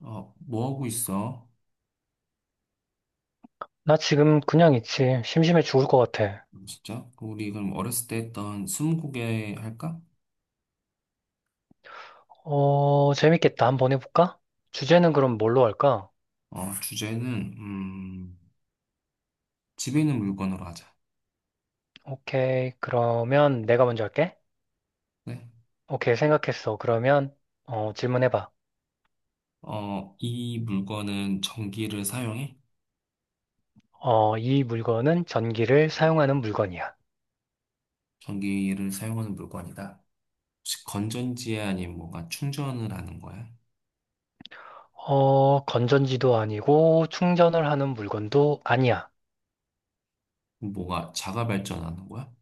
뭐 하고 있어? 나 지금 그냥 있지. 심심해 죽을 것 같아. 진짜? 그 우리 그럼 어렸을 때 했던 스무고개 할까? 어, 재밌겠다. 한번 해볼까? 주제는 그럼 뭘로 할까? 주제는, 음, 집에 있는 물건으로 하자. 오케이. 그러면 내가 먼저 할게. 네? 오케이. 생각했어. 그러면, 어, 질문해봐. 이 물건은 전기를 사용해? 어, 이 물건은 전기를 사용하는 물건이야. 전기를 사용하는 물건이다. 혹시 건전지야? 아니면 뭔가 충전을 하는 거야? 어, 건전지도 아니고 충전을 하는 물건도 아니야. 뭐가 자가 발전하는 거야?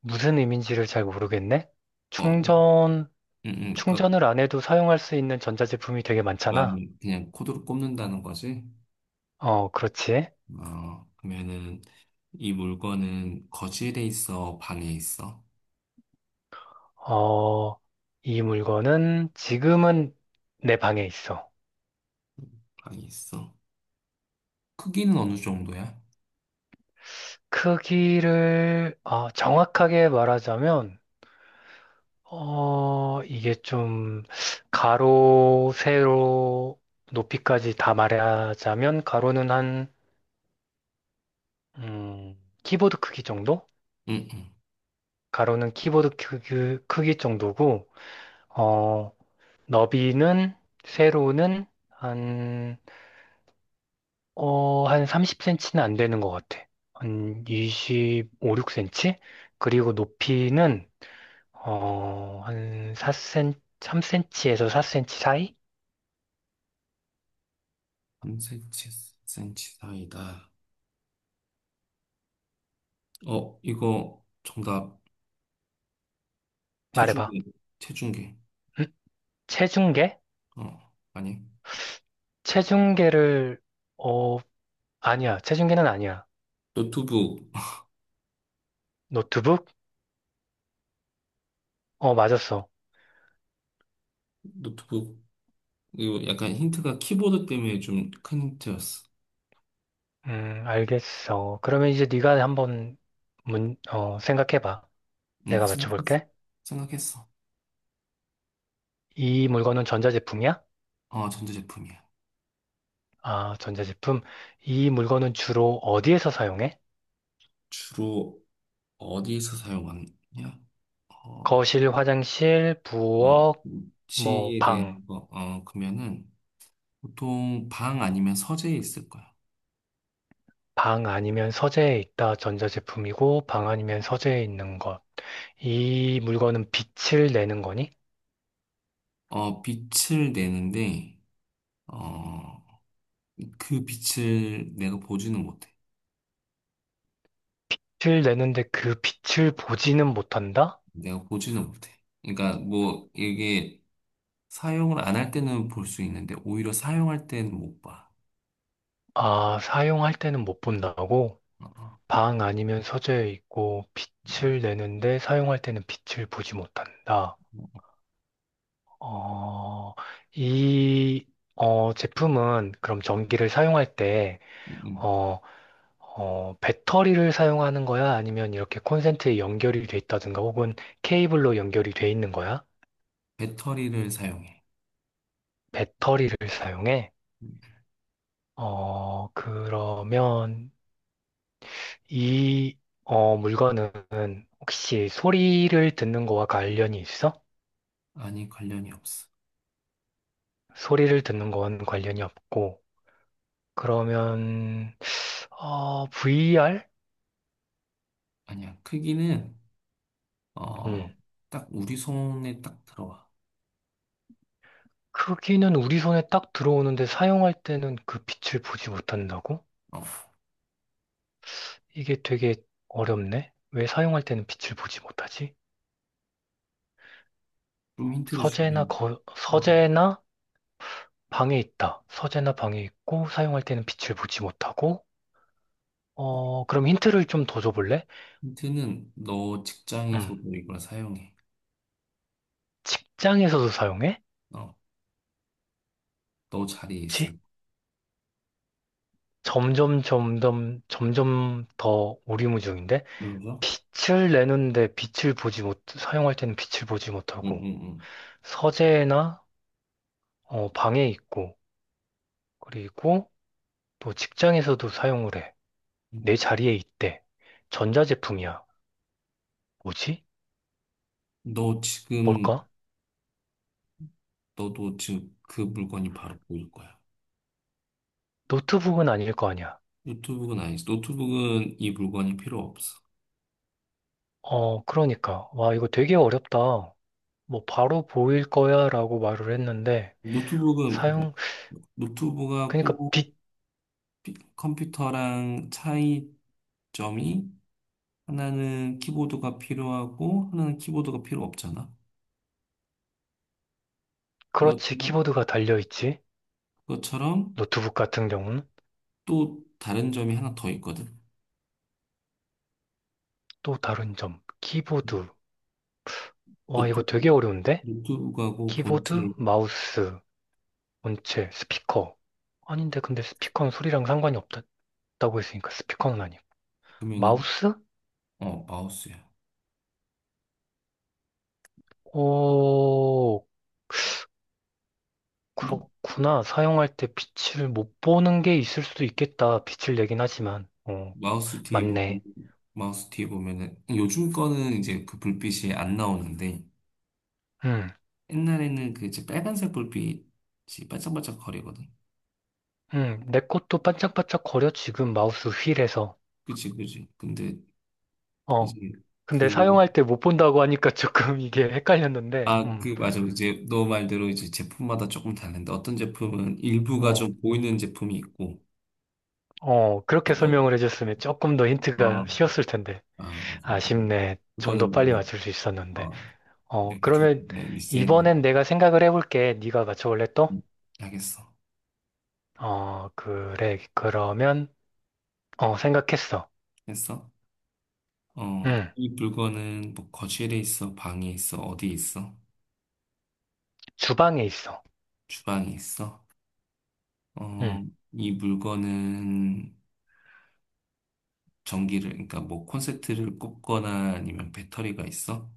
무슨 의미인지를 잘 모르겠네? 어, 음, 충전, 그러니까 충전을 안 해도 사용할 수 있는 전자제품이 되게 막 많잖아. 그냥 코드로 꼽는다는 거지? 어, 그렇지. 그러면은 이 물건은 거실에 있어? 방에 있어? 어, 이 물건은 지금은 내 방에 있어. 방에 있어? 크기는 어느 정도야? 크기를 어, 정확하게 말하자면, 어, 이게 좀 가로, 세로, 높이까지 다 말하자면 가로는 한, 음, 키보드 크기 정도? 응, 응. 가로는 키보드 크기 정도고, 어, 너비는 세로는 한 30cm는 안 되는 것 같아. 한 25, 6cm? 그리고 높이는, 어, 한 4cm, 3cm에서 4cm 사이? 3cm 사이다. 어, 이거 정답. 말해봐. 체중계. 체중계. 응? 체중계? 어, 아니. 체중계를, 어, 아니야. 체중계는 아니야. 노트북. 노트북? 어, 맞았어. 노트북. 이거 약간 힌트가 키보드 때문에 좀 큰 힌트였어. 알겠어. 그러면 이제 네가 한번 생각해봐. 응, 내가 생각했어. 맞춰볼게. 생각했어. 이 물건은 전자제품이야? 전자제품이야. 아, 전자제품. 이 물건은 주로 어디에서 사용해? 주로 어디에서 사용하냐? 어, 거실, 화장실, 부엌, 뭐, 위치에 방. 대한 거. 그러면은 보통 방 아니면 서재에 있을 거야. 방 아니면 서재에 있다 전자제품이고, 방 아니면 서재에 있는 것. 이 물건은 빛을 내는 거니? 빛을 내는데 어, 그 빛을 내가 보지는 못해. 빛을 내는데 그 빛을 보지는 못한다? 내가 보지는 못해. 그러니까 뭐 이게 사용을 안 할 때는 볼 수 있는데 오히려 사용할 때는 못 봐. 아, 사용할 때는 못 본다고? 어, 방 아니면 서재에 있고, 빛을 내는데 사용할 때는 빛을 보지 못한다. 뭐, 어, 이, 어, 제품은 그럼 전기를 사용할 때, 음, 음. 어, 어, 배터리를 사용하는 거야? 아니면 이렇게 콘센트에 연결이 돼 있다든가 혹은 케이블로 연결이 돼 있는 거야? 배터리를 사용해. 배터리를 사용해? 음, 어, 그러면 이 어, 물건은 혹시 소리를 듣는 거와 관련이 있어? 아니 관련이 없어. 소리를 듣는 건 관련이 없고 그러면 어, VR? 아니야. 크기는 음. 어, 딱 우리 손에 딱 들어와. 크기는 우리 손에 딱 들어오는데 사용할 때는 그 빛을 보지 못한다고? 어, 이게 되게 어렵네. 왜 사용할 때는 빛을 보지 못하지? 좀 힌트를 주면 어, 서재나 방에 있다. 서재나 방에 있고 사용할 때는 빛을 보지 못하고. 어, 그럼 힌트를 좀 더 줘볼래? 힌트는 너 음, 직장에서도 이걸 사용해. 직장에서도 사용해? 어, 너 자리에 있을. 혹시? 거야. 점점 점점 점점 더 오리무중인데 그래서? 빛을 내는데 빛을 보지 못 사용할 때는 빛을 보지 응, 못하고 응, 서재나 어, 방에 있고 그리고 또 직장에서도 사용을 해. 응. 내 자리에 있대. 전자제품이야. 뭐지? 너 지금 뭘까? 너도 지금 그 물건이 바로 보일 거야. 노트북은 아닐 거 아니야. 노트북은 아니지. 노트북은 이 물건이 필요 없어. 어, 그러니까. 와, 이거 되게 어렵다. 뭐, 바로 보일 거야 라고 말을 했는데, 노트북은 뭐, 사용, 그러니까 노트북하고 빛, 피- 컴퓨터랑 차이점이 하나는 키보드가 필요하고 하나는 키보드가 필요 없잖아. 그렇지. 그것처럼, 키보드가 달려있지. 그것처럼 노트북 같은 경우는. 또 다른 점이 하나 더 있거든. 또 다른 점. 키보드. 와, 노트, 이거 되게 어려운데? 노트북하고 키보드, 본체의 마우스, 본체, 스피커. 아닌데, 근데 스피커는 소리랑 상관이 없다고 했으니까 스피커는 아니야. 금면은 마우스? 마우스야. 오, 그렇구나. 사용할 때 빛을 못 보는 게 있을 수도 있겠다. 빛을 내긴 하지만. 어, 마우스 뒤에 보면, 맞네. 마우스 뒤에 보면은, 요즘 거는 이제 그 불빛이 안 나오는데, 음, 옛날에는 그 이제 빨간색 불빛이 반짝반짝 거리거든. 내 것도 반짝반짝 거려, 지금 마우스 휠에서. 그치, 그치. 근데 어, 이제 근데 그, 사용할 때 못 본다고 하니까 조금 이게 헷갈렸는데, 아, 그, 맞아. 이제 너 말대로 이제 제품마다 조금 다른데, 어떤 제품은 일부가 어, 좀 보이는 제품이 있고, 어, 그렇게 뭐, 설명을 해줬으면 조금 더 아, 힌트가 쉬웠을 텐데. 아, 맞아. 아쉽네. 좀 더 그거는 빨리 내가, 맞출 수 있었는데. 어, 어, 내가 조금 그러면 리센 이번엔 내가 생각을 해볼게. 네가 맞춰볼래 또? 하겠어. 어, 그래. 그러면, 어, 생각했어. 했어? 어, 응, 이 물건은 뭐 거실에 있어, 방에 있어, 어디 있어, 주방에 있어. 주방에 있어. 응. 어, 이 물건은 전기를, 그러니까 뭐 콘센트를 꽂거나 아니면 배터리가 있어?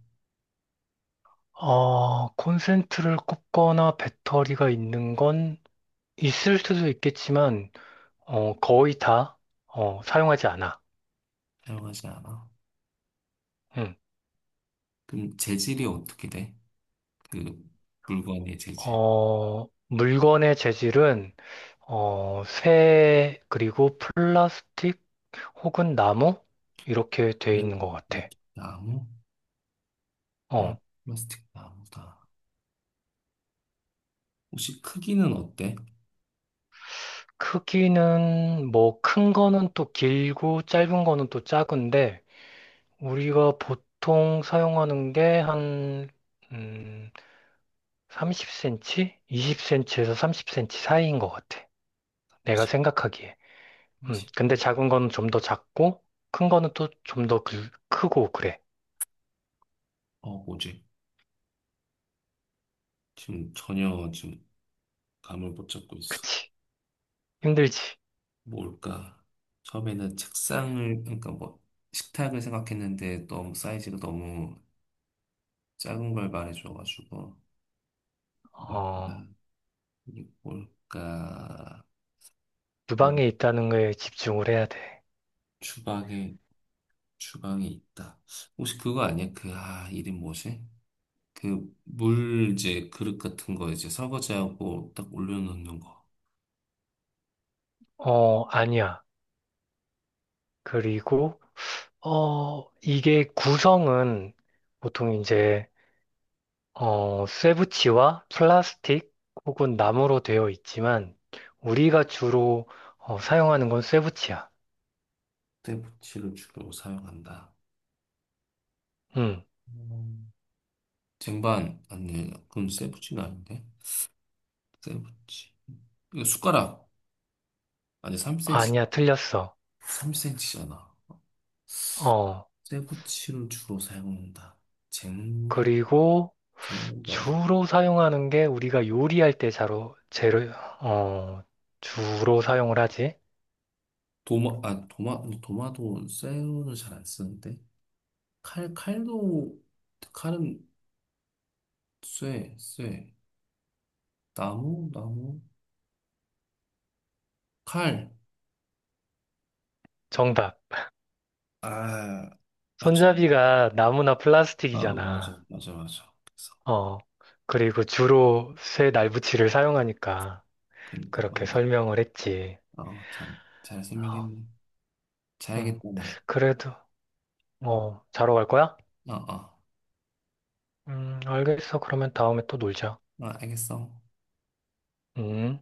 어, 콘센트를 꽂거나 배터리가 있는 건 있을 수도 있겠지만, 어, 거의 다, 어, 사용하지 않아. 사용하지 않아. 응. 그럼 재질이 어떻게 돼? 그 물건의 재질. 어, 물건의 재질은, 어, 쇠, 그리고 플라스틱 혹은 나무? 이렇게 돼 네, 있는 것 같아. 플라스틱 나무? 네, 어, 플라스틱 나무다. 혹시 크기는 어때? 크기는, 뭐, 큰 거는 또 길고, 짧은 거는 또 작은데, 우리가 보통 사용하는 게 한, 음, 30cm? 20cm에서 30cm 사이인 것 같아. 내가 십, 생각하기에. 삼십. 근데 작은 거는 좀 더 작고, 큰 거는 또 좀더 그, 크고, 그래. 어, 뭐지? 지금 전혀 지금 감을 못 잡고 있어. 그치. 힘들지. 뭘까? 처음에는 책상을, 그러니까 뭐, 식탁을 생각했는데 너무 사이즈가 너무 작은 걸 말해줘가지고, 뭘까? 어, 이게 뭘까? 동, 주방에 있다는 거에 집중을 해야 돼. 주방에, 주방에 있다. 혹시 그거 아니야? 그, 아, 이름 뭐지? 그, 물, 이제, 그릇 같은 거 이제 설거지하고 딱 올려놓는 거. 어, 아니야. 그리고, 어, 이게 구성은 보통 이제 어, 쇠붙이와 플라스틱 혹은 나무로 되어 있지만 우리가 주로 어, 사용하는 건 쇠붙이야. 쇠붙이를 주로 사용한다. 음 음. 쟁반, 아니, 그건 쇠붙이가 아닌데? 쇠붙이. 이거 숟가락. 아니, 3cm, 아니야, 틀렸어. 3cm잖아. 어, 쇠붙이를 주로 사용한다. 쟁, 그리고 쟁반도 아니야. 주로 사용하는 게 우리가 요리할 때 자로 재료 어, 주로 사용을 하지. 도마, 아, 도마, 도마도 쇠는 잘 안 쓰는데. 칼, 칼도, 칼은 쇠, 쇠. 나무, 나무. 칼. 정답. 아, 맞죠. 손잡이가 나무나 아, 맞아, 플라스틱이잖아. 맞아, 맞아. 그래서, 어, 그리고 주로 쇠 날붙이를 사용하니까 그러니까, 그렇게 맞네. 설명을 했지. 아, 잘, 잘 어, 설명했네. 음 자야겠다, 나. 그래도 어, 자러 갈 거야? 아, 아, 알겠어. 그러면 다음에 또 놀자. 아, 알겠어. 음.